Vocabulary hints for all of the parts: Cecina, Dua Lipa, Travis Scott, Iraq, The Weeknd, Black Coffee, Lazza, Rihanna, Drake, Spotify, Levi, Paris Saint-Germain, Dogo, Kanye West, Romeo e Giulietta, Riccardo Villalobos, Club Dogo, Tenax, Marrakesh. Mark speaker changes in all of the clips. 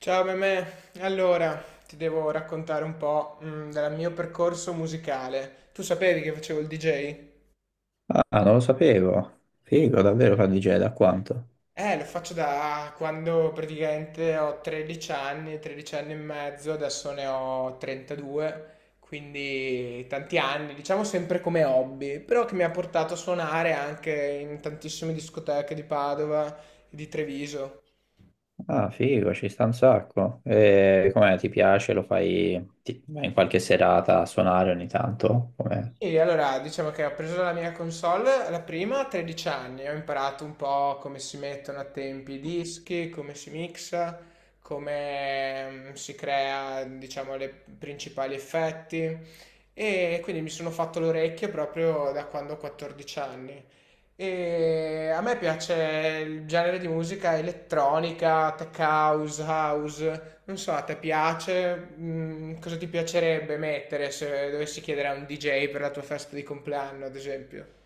Speaker 1: Ciao Mimè, allora ti devo raccontare un po' del mio percorso musicale. Tu sapevi che facevo il DJ?
Speaker 2: Ah, non lo sapevo. Figo, davvero fa DJ da quanto?
Speaker 1: Lo faccio da quando praticamente ho 13 anni, 13 anni e mezzo, adesso ne ho 32, quindi tanti anni, diciamo sempre come hobby, però che mi ha portato a suonare anche in tantissime discoteche di Padova e di Treviso.
Speaker 2: Ah, figo, ci sta un sacco. E com'è, ti piace? Lo fai vai in qualche serata a suonare ogni tanto? Com'è?
Speaker 1: E allora, diciamo che ho preso la mia console, la prima a 13 anni, ho imparato un po' come si mettono a tempi i dischi, come si mixa, come si crea, diciamo, i principali effetti, e quindi mi sono fatto l'orecchio proprio da quando ho 14 anni. E a me piace il genere di musica elettronica, tech house, house. Non so, a te piace? Cosa ti piacerebbe mettere se dovessi chiedere a un DJ per la tua festa di compleanno, ad esempio?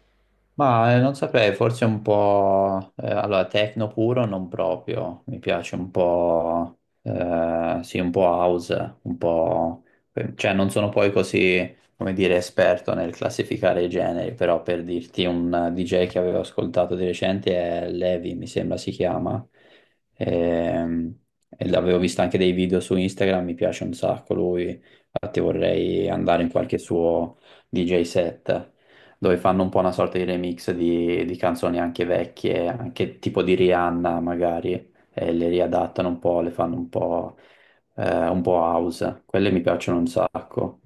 Speaker 2: Ma non saprei, forse un po'... allora, techno puro non proprio, mi piace un po'... sì, un po' house, un po'... Cioè, non sono poi così, come dire, esperto nel classificare i generi, però per dirti un DJ che avevo ascoltato di recente è Levi, mi sembra si chiama, Ehm, e l'avevo visto anche dei video su Instagram, mi piace un sacco lui, infatti vorrei andare in qualche suo DJ set dove fanno un po' una sorta di remix di canzoni anche vecchie, anche tipo di Rihanna magari, e le riadattano un po', le fanno un po' house. Quelle mi piacciono un sacco.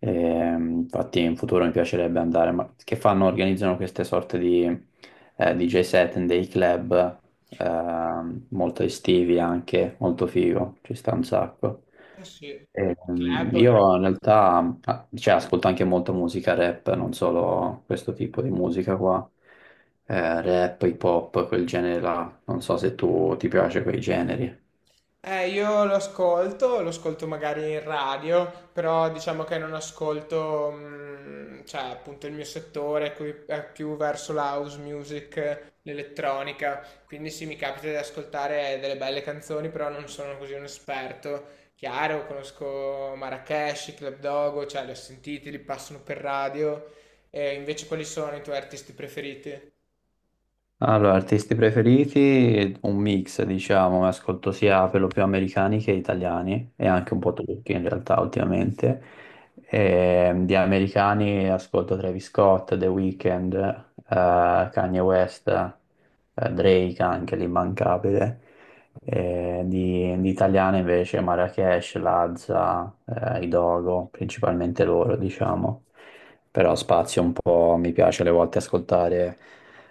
Speaker 2: Infatti in futuro mi piacerebbe andare, ma che fanno, organizzano queste sorte di DJ set in dei club molto estivi anche, molto figo, ci sta un sacco.
Speaker 1: Ah, sì, un
Speaker 2: Ehm,
Speaker 1: club o in...
Speaker 2: io in realtà, ah, cioè, ascolto anche molta musica rap, non solo questo tipo di musica qua. Rap, hip hop, quel genere là. Non so se tu ti piace quei generi.
Speaker 1: Io lo ascolto magari in radio, però diciamo che non ascolto, cioè appunto il mio settore qui è più verso la house music, l'elettronica, quindi sì, mi capita di ascoltare delle belle canzoni, però non sono così un esperto. Chiaro, conosco Marrakesh, Club Dogo, cioè li ho sentiti, li passano per radio. E invece quali sono i tuoi artisti preferiti?
Speaker 2: Allora, artisti preferiti, un mix, diciamo, ascolto sia per lo più americani che italiani e anche un po' turchi in realtà ultimamente. E, di americani ascolto Travis Scott, The Weeknd, Kanye West, Drake anche l'immancabile. E di italiani invece Marrakesh, Lazza, i Dogo, principalmente loro, diciamo. Però spazio un po', mi piace alle volte ascoltare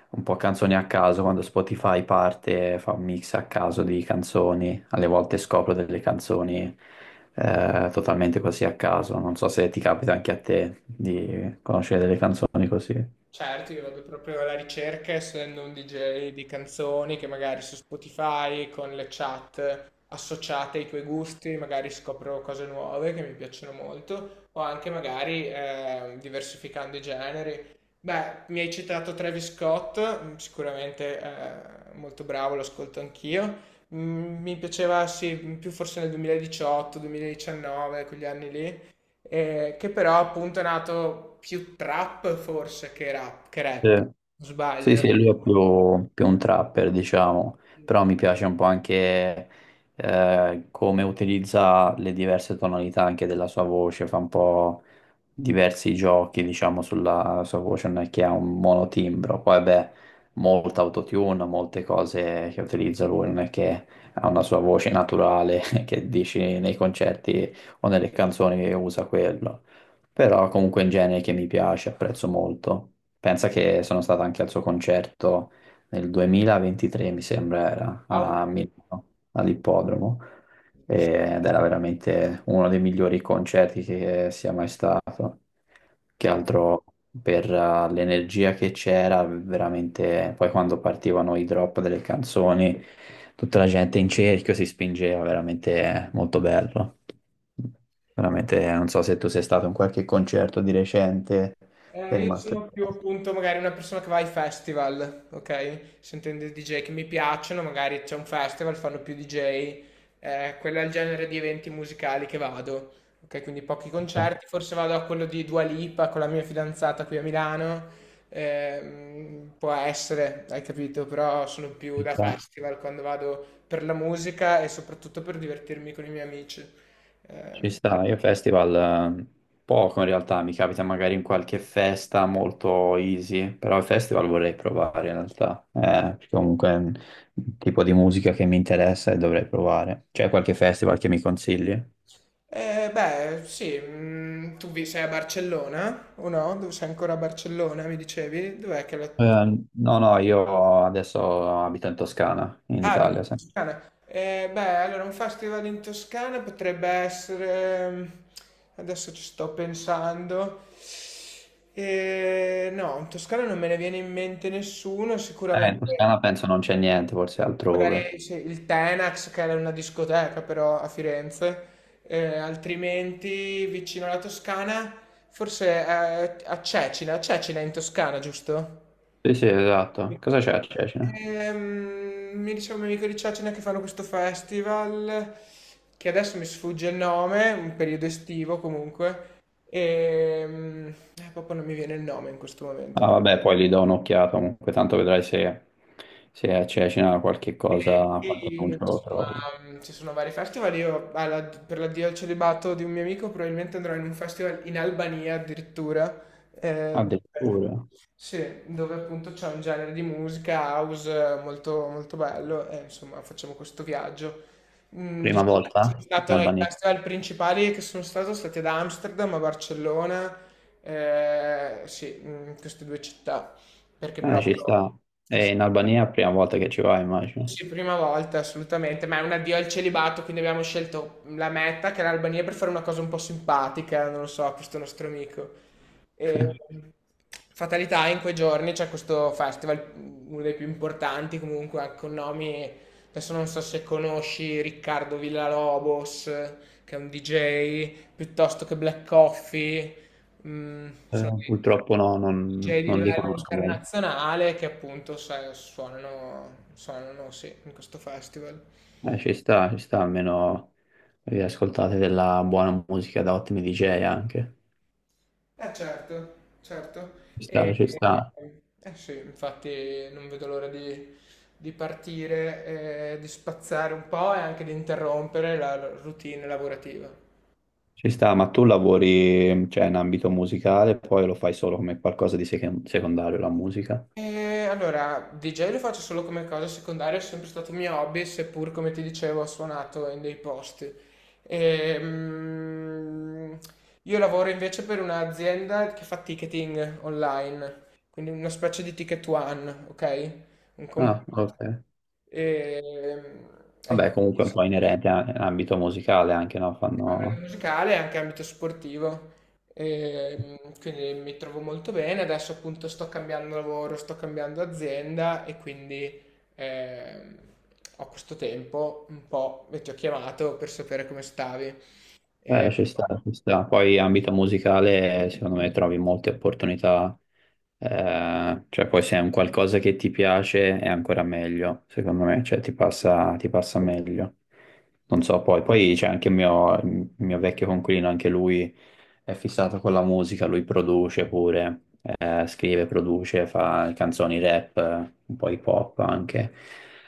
Speaker 2: un po' canzoni a caso, quando Spotify parte fa un mix a caso di canzoni, alle volte scopro delle canzoni totalmente così a caso, non so se ti capita anche a te di conoscere delle canzoni così.
Speaker 1: Certo, io vado proprio alla ricerca, essendo un DJ di canzoni che magari su Spotify con le chat associate ai tuoi gusti, magari scopro cose nuove che mi piacciono molto, o anche magari diversificando i generi. Beh, mi hai citato Travis Scott, sicuramente molto bravo, lo ascolto anch'io. Mi piaceva, sì, più forse nel 2018, 2019, quegli anni lì, che però appunto è nato più trap forse che rap, che
Speaker 2: Sì.
Speaker 1: rap. Non sbaglio,
Speaker 2: Sì,
Speaker 1: no?
Speaker 2: sì, lui è più un trapper, diciamo, però mi piace un po' anche come utilizza le diverse tonalità anche della sua voce, fa un po' diversi giochi, diciamo, sulla sua voce, non è che ha un monotimbro, poi beh, molta autotune, molte cose che utilizza lui, non è che ha una sua voce naturale che dici nei concerti o nelle canzoni che usa quello, però comunque in genere che mi piace, apprezzo molto. Pensa che sono stato anche al suo concerto nel 2023, mi sembra, era a Milano, all'ippodromo, ed era veramente uno dei migliori concerti che sia mai stato. Che
Speaker 1: Au-
Speaker 2: altro per l'energia che c'era, veramente, poi quando partivano i drop delle canzoni, tutta la gente in cerchio si spingeva, veramente molto bello. Veramente, non so se tu sei stato in qualche concerto di recente, sei
Speaker 1: Io
Speaker 2: rimasto
Speaker 1: sono più
Speaker 2: impresso.
Speaker 1: appunto magari una persona che va ai festival, ok? Sentendo i DJ che mi piacciono, magari c'è un festival, fanno più DJ. Quello è il genere di eventi musicali che vado, ok? Quindi pochi
Speaker 2: Ci
Speaker 1: concerti, forse vado a quello di Dua Lipa con la mia fidanzata qui a Milano, può essere, hai capito? Però sono più da
Speaker 2: sta,
Speaker 1: festival quando vado per la musica e soprattutto per divertirmi con i miei amici.
Speaker 2: ci
Speaker 1: Ehm,
Speaker 2: sta. Io festival eh, poco in realtà, mi capita magari in qualche festa molto easy, però il festival vorrei provare in realtà, perché comunque è un tipo di musica che mi interessa e dovrei provare. C'è qualche festival che mi consigli?
Speaker 1: Beh, sì, tu vi sei a Barcellona o no? Dove sei ancora a Barcellona, mi dicevi? Dov'è che la...
Speaker 2: No, no, io adesso abito in Toscana, in
Speaker 1: Ah, abiti
Speaker 2: Italia, sì.
Speaker 1: in Toscana. Beh, allora un festival in Toscana potrebbe essere... Adesso ci sto pensando. No, in Toscana non me ne viene in mente nessuno,
Speaker 2: In Toscana
Speaker 1: sicuramente.
Speaker 2: penso non c'è niente, forse altrove.
Speaker 1: Magari sì, il Tenax, che era una discoteca però a Firenze. Altrimenti vicino alla Toscana, forse a Cecina è in Toscana, giusto?
Speaker 2: Sì, sì, esatto.
Speaker 1: Sì.
Speaker 2: Cosa c'è a Cecina?
Speaker 1: Mi diceva un mio amico di Cecina che fanno questo festival, che adesso mi sfugge il nome, un periodo estivo comunque, e proprio non mi viene il nome in questo momento.
Speaker 2: Ah, vabbè, poi gli do un'occhiata comunque, tanto vedrai se, se c'è qualche cosa, qualche
Speaker 1: Altrimenti,
Speaker 2: annuncio lo
Speaker 1: insomma,
Speaker 2: trovo.
Speaker 1: ci sono vari festival. Io per l'addio al celibato di un mio amico probabilmente andrò in un festival in Albania addirittura. eh, dove-
Speaker 2: Addirittura,
Speaker 1: sì, dove appunto c'è un genere di musica house, molto, molto bello e insomma facciamo questo viaggio.
Speaker 2: prima
Speaker 1: Diciamo che sono
Speaker 2: volta in
Speaker 1: stato ai
Speaker 2: Albania.
Speaker 1: festival principali che sono stato stati ad Amsterdam, a Barcellona, sì, in queste due città, perché
Speaker 2: Ci
Speaker 1: proprio...
Speaker 2: sta. È in Albania è la prima volta che ci vai, immagino.
Speaker 1: Sì, prima volta assolutamente, ma è un addio al celibato, quindi abbiamo scelto la meta, che era l'Albania, per fare una cosa un po' simpatica, non lo so, a questo nostro amico. E, fatalità, in quei giorni c'è questo festival, uno dei più importanti comunque, anche con nomi, adesso non so se conosci Riccardo Villalobos, che è un DJ, piuttosto che Black Coffee, mm,
Speaker 2: Purtroppo no,
Speaker 1: DJ di
Speaker 2: non li
Speaker 1: livello
Speaker 2: conosco molto.
Speaker 1: internazionale che appunto sai, suonano, suonano sì, in questo festival.
Speaker 2: Ci sta, almeno vi ascoltate della buona musica da ottimi DJ anche.
Speaker 1: Eh certo, certo.
Speaker 2: Ci sta,
Speaker 1: E,
Speaker 2: ci sta.
Speaker 1: eh sì, infatti non vedo l'ora di partire, di spazzare un po' e anche di interrompere la routine lavorativa.
Speaker 2: Ci sta, ma tu lavori, cioè, in ambito musicale, poi lo fai solo come qualcosa di secondario la musica?
Speaker 1: Allora, DJ lo faccio solo come cosa secondaria, è sempre stato mio hobby, seppur come ti dicevo ho suonato in dei posti. Ehm, io lavoro invece per un'azienda che fa ticketing online, quindi una specie di ticket one, ok? Un comp-
Speaker 2: Ah, ok.
Speaker 1: Ehm, E
Speaker 2: Vabbè,
Speaker 1: quindi
Speaker 2: comunque è un po' inerente all'ambito musicale anche, no?
Speaker 1: ambito
Speaker 2: Fanno...
Speaker 1: musicale e anche ambito sportivo. Quindi mi trovo molto bene. Adesso appunto sto cambiando lavoro, sto cambiando azienda e quindi ehm, ho questo tempo un po' e ti ho chiamato per sapere come stavi.
Speaker 2: Ci sta, ci sta. Poi ambito musicale, secondo me trovi molte opportunità, cioè poi se è un qualcosa che ti piace è ancora meglio, secondo me, cioè ti ti passa meglio. Non so, poi c'è anche il mio vecchio coinquilino, anche lui è fissato con la musica, lui produce pure, scrive, produce, fa canzoni rap, un po' hip hop anche.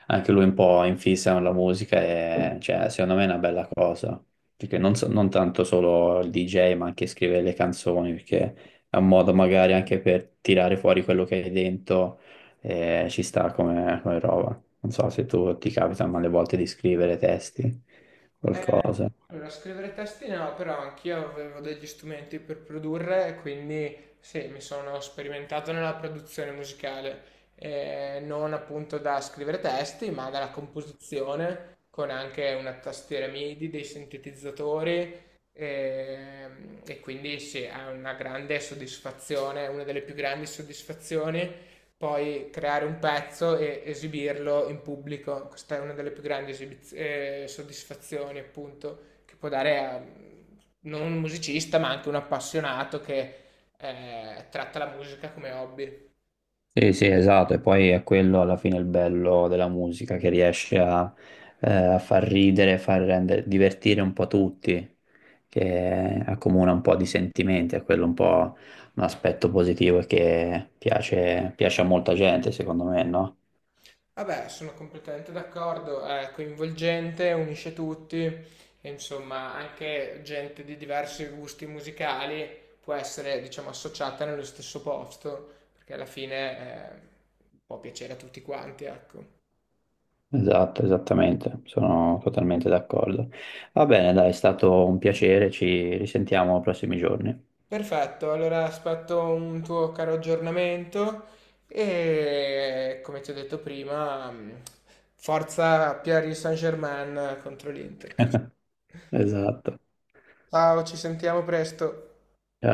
Speaker 2: Anche lui un po' in fissa con la musica e cioè, secondo me è una bella cosa perché non tanto solo il DJ, ma anche scrivere le canzoni, perché è un modo magari anche per tirare fuori quello che hai dentro e ci sta come, come roba. Non so se tu ti capita, ma alle volte di scrivere testi,
Speaker 1: Eh,
Speaker 2: qualcosa.
Speaker 1: allora, scrivere testi no, però anch'io avevo degli strumenti per produrre, e quindi sì, mi sono sperimentato nella produzione musicale. Non appunto da scrivere testi, ma dalla composizione, con anche una tastiera MIDI, dei sintetizzatori, e quindi sì, è una grande soddisfazione, una delle più grandi soddisfazioni poi creare un pezzo e esibirlo in pubblico. Questa è una delle più grandi soddisfazioni, appunto, che può dare a non un musicista, ma anche un appassionato che tratta la musica come hobby.
Speaker 2: Sì, sì, esatto, e poi è quello alla fine il bello della musica che riesce a, a far ridere, far rendere, divertire un po' tutti, che accomuna un po' di sentimenti, è quello un po' un aspetto positivo e che piace, piace a molta gente, secondo me, no?
Speaker 1: Vabbè, sono completamente d'accordo, è coinvolgente, unisce tutti, e insomma, anche gente di diversi gusti musicali può essere, diciamo, associata nello stesso posto, perché alla fine può piacere a tutti quanti, ecco.
Speaker 2: Esatto, esattamente, sono totalmente d'accordo. Va bene, dai, è stato un piacere, ci risentiamo nei prossimi giorni.
Speaker 1: Perfetto, allora aspetto un tuo caro aggiornamento e come ti ho detto prima, forza Paris Saint-Germain contro l'Inter.
Speaker 2: Esatto.
Speaker 1: Ciao, ci sentiamo presto.
Speaker 2: Ciao.